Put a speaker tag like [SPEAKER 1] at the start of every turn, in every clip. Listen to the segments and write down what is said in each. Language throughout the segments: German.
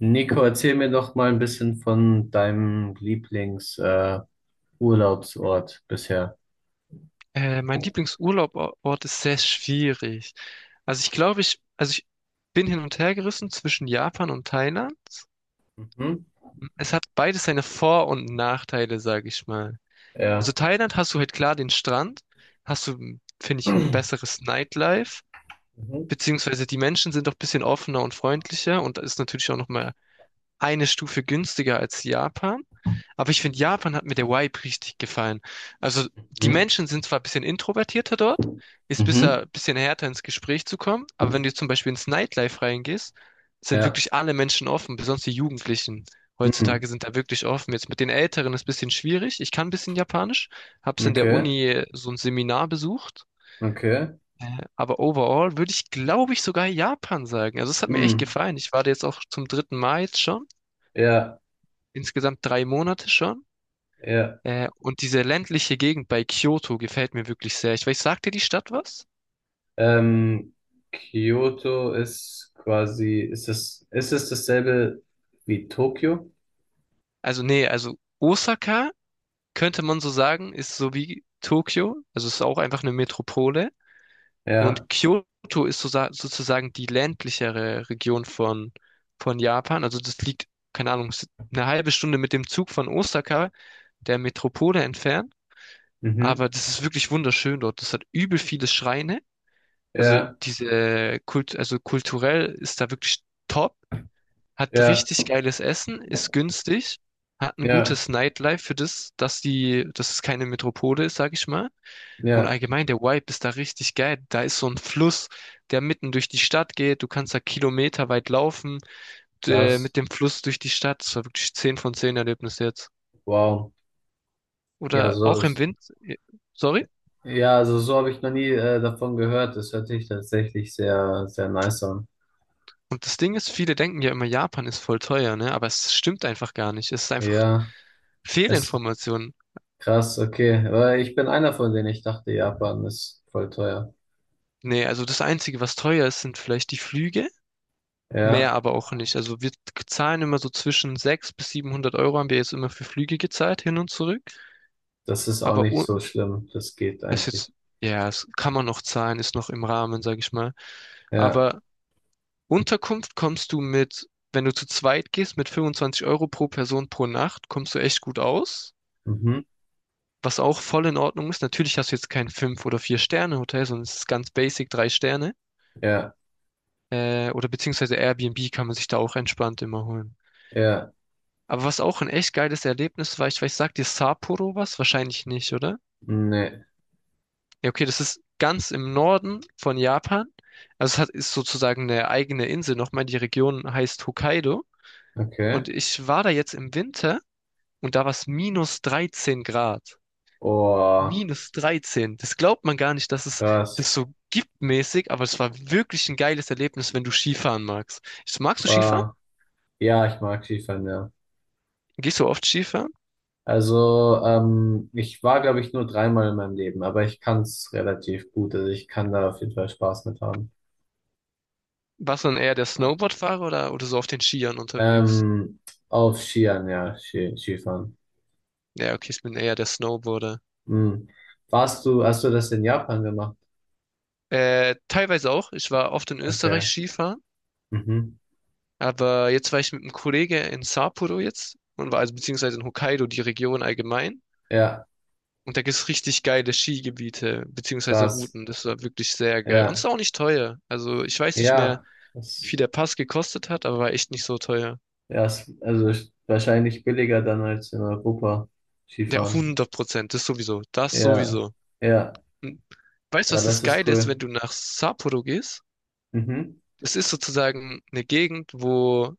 [SPEAKER 1] Nico, erzähl mir doch mal ein bisschen von deinem Lieblings, Urlaubsort bisher.
[SPEAKER 2] Mein Lieblingsurlaubort ist sehr schwierig. Also ich glaube, ich bin hin und her gerissen zwischen Japan und Thailand.
[SPEAKER 1] Mhm.
[SPEAKER 2] Es hat beides seine Vor- und Nachteile, sage ich mal. Also
[SPEAKER 1] Ja.
[SPEAKER 2] Thailand, hast du halt klar den Strand, hast du, finde ich, ein besseres Nightlife,
[SPEAKER 1] Mhm. Mhm.
[SPEAKER 2] beziehungsweise die Menschen sind auch ein bisschen offener und freundlicher und da ist natürlich auch nochmal eine Stufe günstiger als Japan. Aber ich finde, Japan, hat mir der Vibe richtig gefallen. Also die
[SPEAKER 1] Mhm.
[SPEAKER 2] Menschen sind zwar ein bisschen introvertierter dort, ist
[SPEAKER 1] Mhm.
[SPEAKER 2] bisher ein bisschen härter ins Gespräch zu kommen, aber wenn du zum Beispiel ins Nightlife reingehst, sind
[SPEAKER 1] Ja.
[SPEAKER 2] wirklich alle Menschen offen, besonders die Jugendlichen. Heutzutage
[SPEAKER 1] Mhm.
[SPEAKER 2] sind da wirklich offen. Jetzt mit den Älteren ist ein bisschen schwierig. Ich kann ein bisschen Japanisch, hab's in der
[SPEAKER 1] Okay.
[SPEAKER 2] Uni so ein Seminar besucht.
[SPEAKER 1] Okay.
[SPEAKER 2] Äh, Aber overall würde ich, glaube ich, sogar Japan sagen. Also es hat mir echt
[SPEAKER 1] Mhm.
[SPEAKER 2] gefallen. Ich war da jetzt auch zum dritten Mal jetzt schon
[SPEAKER 1] Ja.
[SPEAKER 2] insgesamt drei Monate schon.
[SPEAKER 1] Ja.
[SPEAKER 2] Und diese ländliche Gegend bei Kyoto gefällt mir wirklich sehr. Ich weiß, sagt dir die Stadt was?
[SPEAKER 1] Ähm, Kyoto ist quasi, ist es dasselbe wie Tokio?
[SPEAKER 2] Also nee, also Osaka könnte man so sagen, ist so wie Tokio, also es ist auch einfach eine Metropole. Und
[SPEAKER 1] Ja.
[SPEAKER 2] Kyoto ist so, sozusagen die ländlichere Region von Japan. Also das liegt, keine Ahnung, eine halbe Stunde mit dem Zug von Osaka, der Metropole, entfernt.
[SPEAKER 1] Mhm.
[SPEAKER 2] Aber das ist wirklich wunderschön dort. Das hat übel viele Schreine. Also
[SPEAKER 1] Ja.
[SPEAKER 2] also kulturell ist da wirklich top, hat
[SPEAKER 1] Ja.
[SPEAKER 2] richtig geiles Essen, ist günstig, hat ein
[SPEAKER 1] Ja.
[SPEAKER 2] gutes Nightlife für das, dass es keine Metropole ist, sag ich mal. Und
[SPEAKER 1] Ja.
[SPEAKER 2] allgemein der Vibe ist da richtig geil. Da ist so ein Fluss, der mitten durch die Stadt geht. Du kannst da kilometerweit laufen,
[SPEAKER 1] Krass.
[SPEAKER 2] mit dem Fluss durch die Stadt. Das war wirklich 10 von 10 Erlebnis jetzt.
[SPEAKER 1] Wow. Ja,
[SPEAKER 2] Oder
[SPEAKER 1] so
[SPEAKER 2] auch im
[SPEAKER 1] ist.
[SPEAKER 2] Wind, sorry.
[SPEAKER 1] Ja, also so habe ich noch nie davon gehört. Das hört sich tatsächlich sehr, sehr nice an.
[SPEAKER 2] Und das Ding ist, viele denken ja immer, Japan ist voll teuer, ne? Aber es stimmt einfach gar nicht. Es ist einfach
[SPEAKER 1] Ja, ist
[SPEAKER 2] Fehlinformationen.
[SPEAKER 1] krass, okay. Weil ich bin einer von denen. Ich dachte, Japan ist voll teuer.
[SPEAKER 2] Nee, also das Einzige, was teuer ist, sind vielleicht die Flüge,
[SPEAKER 1] Ja,
[SPEAKER 2] mehr aber auch nicht. Also wir zahlen immer so zwischen 600 bis 700€ haben wir jetzt immer für Flüge gezahlt, hin und zurück.
[SPEAKER 1] das ist auch
[SPEAKER 2] Aber
[SPEAKER 1] nicht so
[SPEAKER 2] un-
[SPEAKER 1] schlimm. Das geht
[SPEAKER 2] Das ist
[SPEAKER 1] eigentlich.
[SPEAKER 2] jetzt, ja, das kann man noch zahlen, ist noch im Rahmen, sag ich mal.
[SPEAKER 1] Ja,
[SPEAKER 2] Aber Unterkunft kommst du mit, wenn du zu zweit gehst, mit 25€ pro Person pro Nacht, kommst du echt gut aus.
[SPEAKER 1] mhm.
[SPEAKER 2] Was auch voll in Ordnung ist. Natürlich hast du jetzt kein fünf oder vier sterne hotel, sondern es ist ganz basic, 3 Sterne.
[SPEAKER 1] Ja,
[SPEAKER 2] Oder beziehungsweise Airbnb kann man sich da auch entspannt immer holen.
[SPEAKER 1] ja,
[SPEAKER 2] Aber was auch ein echt geiles Erlebnis war, ich weiß, sagt dir Sapporo was? Wahrscheinlich nicht, oder?
[SPEAKER 1] nee,
[SPEAKER 2] Ja, okay, das ist ganz im Norden von Japan. Also es hat, ist sozusagen eine eigene Insel nochmal. Die Region heißt Hokkaido.
[SPEAKER 1] okay.
[SPEAKER 2] Und ich war da jetzt im Winter und da war es minus 13 Grad.
[SPEAKER 1] Oh,
[SPEAKER 2] Minus 13. Das glaubt man gar nicht, dass es
[SPEAKER 1] krass.
[SPEAKER 2] das so gibt mäßig, aber es war wirklich ein geiles Erlebnis, wenn du Skifahren magst. Magst du Skifahren?
[SPEAKER 1] Wow. Ja, ich mag Skifahren, ja.
[SPEAKER 2] Gehst du oft Skifahren?
[SPEAKER 1] Also, ich war, glaube ich, nur dreimal in meinem Leben, aber ich kann es relativ gut. Also ich kann da auf jeden Fall Spaß mit haben.
[SPEAKER 2] Warst du dann eher der Snowboardfahrer oder so auf den Skiern unterwegs?
[SPEAKER 1] Ähm, auf Skiern, ja, Skifahren.
[SPEAKER 2] Ja, okay, ich bin eher der Snowboarder.
[SPEAKER 1] Hm. Hast du das in Japan gemacht?
[SPEAKER 2] Teilweise auch. Ich war oft in Österreich
[SPEAKER 1] Okay.
[SPEAKER 2] Skifahren,
[SPEAKER 1] Mhm.
[SPEAKER 2] aber jetzt war ich mit einem Kollege in Sapporo jetzt und war, also beziehungsweise in Hokkaido, die Region allgemein.
[SPEAKER 1] Ja,
[SPEAKER 2] Und da gibt's richtig geile Skigebiete beziehungsweise
[SPEAKER 1] krass.
[SPEAKER 2] Routen. Das war wirklich sehr geil. Und ist
[SPEAKER 1] Ja,
[SPEAKER 2] auch nicht teuer. Also ich weiß nicht mehr,
[SPEAKER 1] ja.
[SPEAKER 2] wie viel
[SPEAKER 1] Das,
[SPEAKER 2] der Pass gekostet hat, aber war echt nicht so teuer.
[SPEAKER 1] ja, also ist wahrscheinlich billiger dann als in Europa
[SPEAKER 2] Ja,
[SPEAKER 1] Skifahren.
[SPEAKER 2] hundert Prozent. Das sowieso. Das
[SPEAKER 1] Ja,
[SPEAKER 2] sowieso.
[SPEAKER 1] ja,
[SPEAKER 2] Und weißt du,
[SPEAKER 1] ja,
[SPEAKER 2] was das
[SPEAKER 1] das ist
[SPEAKER 2] Geile ist, wenn
[SPEAKER 1] cool.
[SPEAKER 2] du nach Sapporo gehst?
[SPEAKER 1] Mhm.
[SPEAKER 2] Es ist sozusagen eine Gegend, wo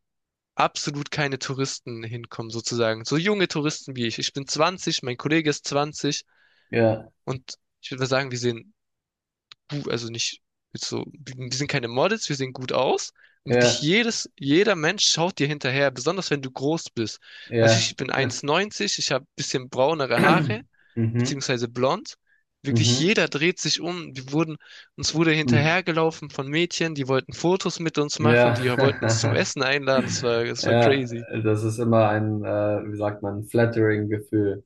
[SPEAKER 2] absolut keine Touristen hinkommen, sozusagen. So junge Touristen wie ich. Ich bin 20, mein Kollege ist 20
[SPEAKER 1] Ja,
[SPEAKER 2] und ich würde mal sagen, wir sehen gut, also nicht jetzt so, wir sind keine Models, wir sehen gut aus. Und wirklich
[SPEAKER 1] ja,
[SPEAKER 2] jeder Mensch schaut dir hinterher, besonders wenn du groß bist. Also
[SPEAKER 1] ja.
[SPEAKER 2] ich bin 1,90, ich habe ein bisschen braunere Haare,
[SPEAKER 1] Mhm.
[SPEAKER 2] beziehungsweise blond. Wirklich
[SPEAKER 1] Mhm.
[SPEAKER 2] jeder dreht sich um. Uns wurde
[SPEAKER 1] Mhm.
[SPEAKER 2] hinterhergelaufen von Mädchen, die wollten Fotos mit uns machen, die
[SPEAKER 1] Ja.
[SPEAKER 2] wollten uns zum Essen einladen. Das war
[SPEAKER 1] Ja,
[SPEAKER 2] crazy.
[SPEAKER 1] das ist immer ein, wie sagt man, flattering Gefühl.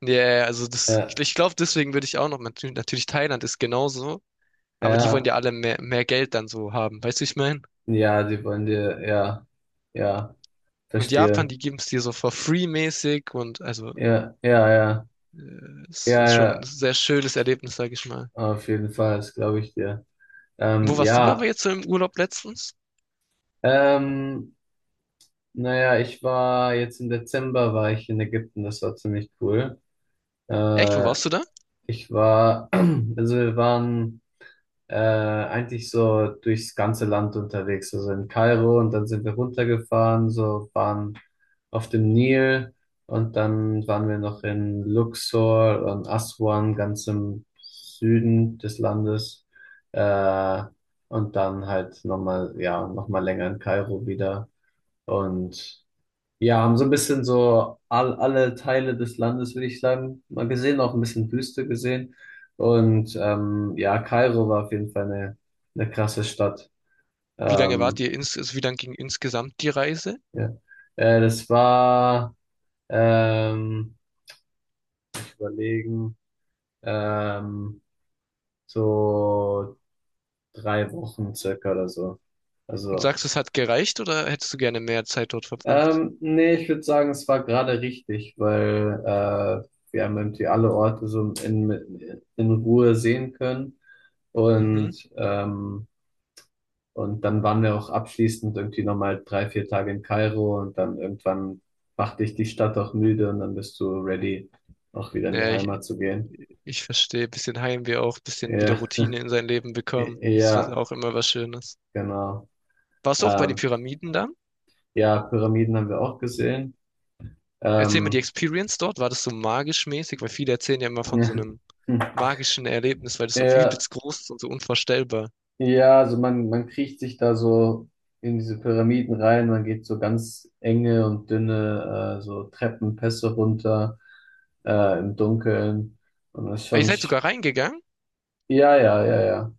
[SPEAKER 2] Ja, yeah, also das,
[SPEAKER 1] Ja.
[SPEAKER 2] ich glaube, deswegen würde ich auch noch, natürlich Thailand ist genauso, aber die wollen
[SPEAKER 1] Ja,
[SPEAKER 2] ja alle mehr Geld dann so haben. Weißt du, ich meine?
[SPEAKER 1] ja, die wollen dir, ja, ja,
[SPEAKER 2] Und Japan,
[SPEAKER 1] verstehe.
[SPEAKER 2] die geben es dir so for free mäßig und also
[SPEAKER 1] Ja, ja, ja,
[SPEAKER 2] äh,
[SPEAKER 1] ja,
[SPEAKER 2] es ist schon ein
[SPEAKER 1] ja,
[SPEAKER 2] sehr schönes Erlebnis, sag ich mal.
[SPEAKER 1] auf jeden Fall, das glaube ich dir.
[SPEAKER 2] Wo warst du aber
[SPEAKER 1] Ja,
[SPEAKER 2] jetzt so im Urlaub letztens?
[SPEAKER 1] ähm, naja, ich war jetzt im Dezember war ich in Ägypten, das war ziemlich cool.
[SPEAKER 2] Echt, wo
[SPEAKER 1] Äh,
[SPEAKER 2] warst du da?
[SPEAKER 1] ich war, also wir waren eigentlich so durchs ganze Land unterwegs. Also in Kairo und dann sind wir runtergefahren, so waren auf dem Nil und dann waren wir noch in Luxor und Aswan, ganz im Süden des Landes. Äh, und dann halt nochmal, ja, nochmal länger in Kairo wieder. Und ja, haben so ein bisschen so alle Teile des Landes, würde ich sagen, mal gesehen, auch ein bisschen Wüste gesehen. Und ja, Kairo war auf jeden Fall eine krasse Stadt.
[SPEAKER 2] Wie lange wart
[SPEAKER 1] Ähm,
[SPEAKER 2] also wie lang ging insgesamt die Reise?
[SPEAKER 1] ja. Das war, ähm, überlegen, ähm, so 3 Wochen circa oder so.
[SPEAKER 2] Und
[SPEAKER 1] Also
[SPEAKER 2] sagst du, es hat gereicht oder hättest du gerne mehr Zeit dort verbracht?
[SPEAKER 1] Nee, ich würde sagen, es war gerade richtig, weil wir haben irgendwie alle Orte so in Ruhe sehen können.
[SPEAKER 2] Mhm.
[SPEAKER 1] Und, ähm, und dann waren wir auch abschließend irgendwie nochmal 3, 4 Tage in Kairo und dann irgendwann macht dich die Stadt auch müde und dann bist du ready, auch wieder in die
[SPEAKER 2] Ja, ich,
[SPEAKER 1] Heimat zu gehen.
[SPEAKER 2] Ich verstehe, bisschen Heimweh auch, bisschen wieder
[SPEAKER 1] Ja,
[SPEAKER 2] Routine in sein Leben bekommen. Das ist
[SPEAKER 1] ja,
[SPEAKER 2] auch immer was Schönes.
[SPEAKER 1] genau.
[SPEAKER 2] Warst du auch bei den
[SPEAKER 1] Ähm,
[SPEAKER 2] Pyramiden dann?
[SPEAKER 1] ja, Pyramiden haben wir auch gesehen.
[SPEAKER 2] Erzähl mir die
[SPEAKER 1] Ähm,
[SPEAKER 2] Experience dort. War das so magisch mäßig? Weil viele erzählen ja immer von so einem magischen Erlebnis, weil das so
[SPEAKER 1] ja,
[SPEAKER 2] übelst groß ist und so unvorstellbar.
[SPEAKER 1] Ja, also man kriecht sich da so in diese Pyramiden rein, man geht so ganz enge und dünne so Treppenpässe runter im Dunkeln. Und das ist
[SPEAKER 2] Ah, ihr
[SPEAKER 1] schon,
[SPEAKER 2] seid sogar reingegangen?
[SPEAKER 1] ja, ja, ja, ja.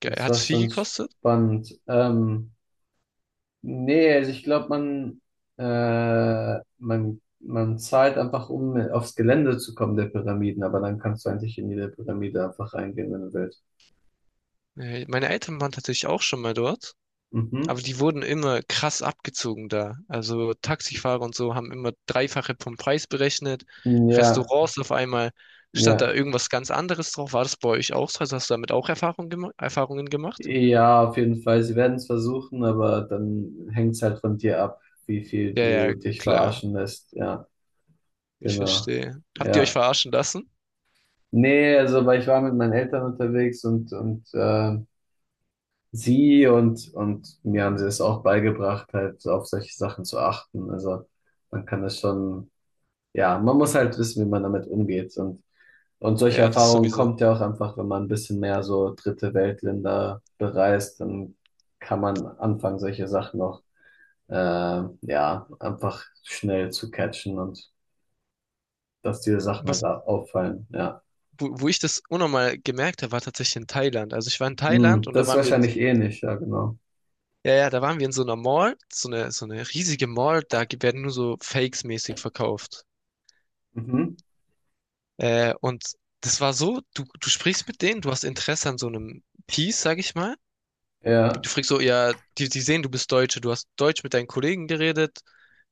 [SPEAKER 2] Geil.
[SPEAKER 1] Das
[SPEAKER 2] Hat
[SPEAKER 1] war
[SPEAKER 2] es viel
[SPEAKER 1] schon
[SPEAKER 2] gekostet?
[SPEAKER 1] spannend. Nee, also ich glaube, man zahlt einfach, um aufs Gelände zu kommen der Pyramiden, aber dann kannst du eigentlich in jede Pyramide einfach reingehen, wenn du willst.
[SPEAKER 2] Meine Eltern waren tatsächlich auch schon mal dort.
[SPEAKER 1] Mhm.
[SPEAKER 2] Aber die wurden immer krass abgezogen da. Also Taxifahrer und so haben immer Dreifache vom Preis berechnet.
[SPEAKER 1] Ja,
[SPEAKER 2] Restaurants, auf einmal stand da
[SPEAKER 1] ja.
[SPEAKER 2] irgendwas ganz anderes drauf. War das bei euch auch so? Also hast du damit auch Erfahrungen gemacht?
[SPEAKER 1] Ja, auf jeden Fall. Sie werden es versuchen, aber dann hängt es halt von dir ab, wie viel
[SPEAKER 2] Ja,
[SPEAKER 1] du
[SPEAKER 2] ja,
[SPEAKER 1] dich
[SPEAKER 2] klar.
[SPEAKER 1] verarschen lässt. Ja,
[SPEAKER 2] Ich
[SPEAKER 1] genau.
[SPEAKER 2] verstehe. Habt ihr euch
[SPEAKER 1] Ja.
[SPEAKER 2] verarschen lassen?
[SPEAKER 1] Nee, also, weil ich war mit meinen Eltern unterwegs und sie und mir haben sie es auch beigebracht, halt auf solche Sachen zu achten. Also man kann das schon. Ja, man muss halt wissen, wie man damit umgeht. Und solche
[SPEAKER 2] Ja, das
[SPEAKER 1] Erfahrungen
[SPEAKER 2] sowieso.
[SPEAKER 1] kommt ja auch einfach, wenn man ein bisschen mehr so dritte Weltländer bereist, dann kann man anfangen, solche Sachen auch, äh, ja, einfach schnell zu catchen und dass diese Sachen halt
[SPEAKER 2] Was,
[SPEAKER 1] da auffallen. Ja,
[SPEAKER 2] Wo ich das unnormal gemerkt habe, war tatsächlich in Thailand. Also ich war in Thailand
[SPEAKER 1] Hm,
[SPEAKER 2] und da
[SPEAKER 1] das ist
[SPEAKER 2] waren wir in,
[SPEAKER 1] wahrscheinlich ähnlich, ja, genau.
[SPEAKER 2] ja, ja, da waren wir in so einer Mall, so eine riesige Mall, werden nur so Fakes mäßig verkauft.
[SPEAKER 1] Mhm.
[SPEAKER 2] Und das war so, du sprichst mit denen, du hast Interesse an so einem Piece, sag ich mal. Und
[SPEAKER 1] Ja,
[SPEAKER 2] du fragst so, ja, die sehen, du bist Deutsche, du hast Deutsch mit deinen Kollegen geredet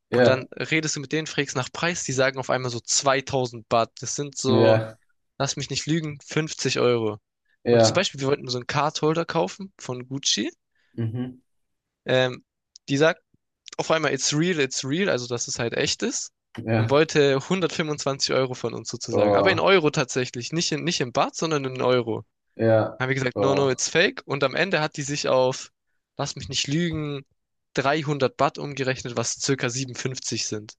[SPEAKER 2] und
[SPEAKER 1] ja,
[SPEAKER 2] dann redest du mit denen, fragst nach Preis, die sagen auf einmal so 2000 Baht. Das sind so,
[SPEAKER 1] ja,
[SPEAKER 2] lass mich nicht lügen, 50€. Und zum
[SPEAKER 1] ja,
[SPEAKER 2] Beispiel, wir wollten so einen Cardholder kaufen von Gucci.
[SPEAKER 1] mhm.
[SPEAKER 2] Ähm, Die sagt auf einmal, it's real, also dass es halt echt ist. Und
[SPEAKER 1] Ja,
[SPEAKER 2] wollte 125€ von uns sozusagen. Aber in
[SPEAKER 1] oh,
[SPEAKER 2] Euro tatsächlich. Nicht in Baht, sondern in Euro.
[SPEAKER 1] ja,
[SPEAKER 2] Haben wir gesagt, no, no,
[SPEAKER 1] oh,
[SPEAKER 2] it's fake. Und am Ende hat die sich auf, lass mich nicht lügen, 300 Baht umgerechnet, was circa 57 sind.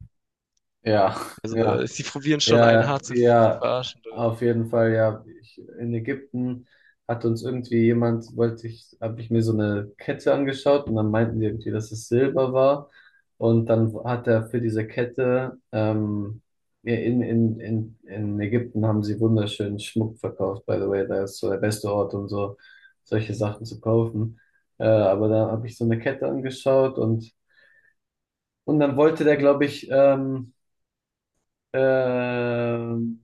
[SPEAKER 1] ja,
[SPEAKER 2] Also,
[SPEAKER 1] ja.
[SPEAKER 2] sie probieren schon einen
[SPEAKER 1] Ja,
[SPEAKER 2] hart zu
[SPEAKER 1] ja,
[SPEAKER 2] verarschen dort.
[SPEAKER 1] auf jeden Fall, ja. In Ägypten hat uns irgendwie jemand, wollte ich, habe ich mir so eine Kette angeschaut und dann meinten die irgendwie, dass es Silber war. Und dann hat er für diese Kette, ja, in Ägypten haben sie wunderschönen Schmuck verkauft, by the way. Da ist so der beste Ort, um so solche Sachen zu kaufen. Aber da habe ich so eine Kette angeschaut und dann wollte der, glaube ich, ähm,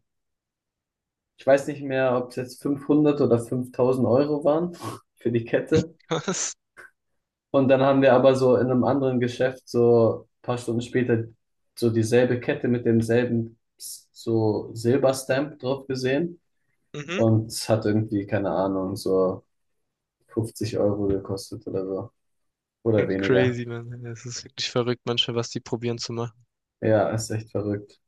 [SPEAKER 1] ich weiß nicht mehr, ob es jetzt 500 oder 5.000 Euro waren für die Kette.
[SPEAKER 2] Was?
[SPEAKER 1] Und dann haben wir aber so in einem anderen Geschäft so ein paar Stunden später so dieselbe Kette mit demselben so Silberstamp drauf gesehen.
[SPEAKER 2] Mhm.
[SPEAKER 1] Und es hat irgendwie, keine Ahnung, so 50 Euro gekostet oder so. Oder weniger.
[SPEAKER 2] Crazy, man. Es ist wirklich verrückt manchmal, was die probieren zu machen.
[SPEAKER 1] Ja, ist echt verrückt.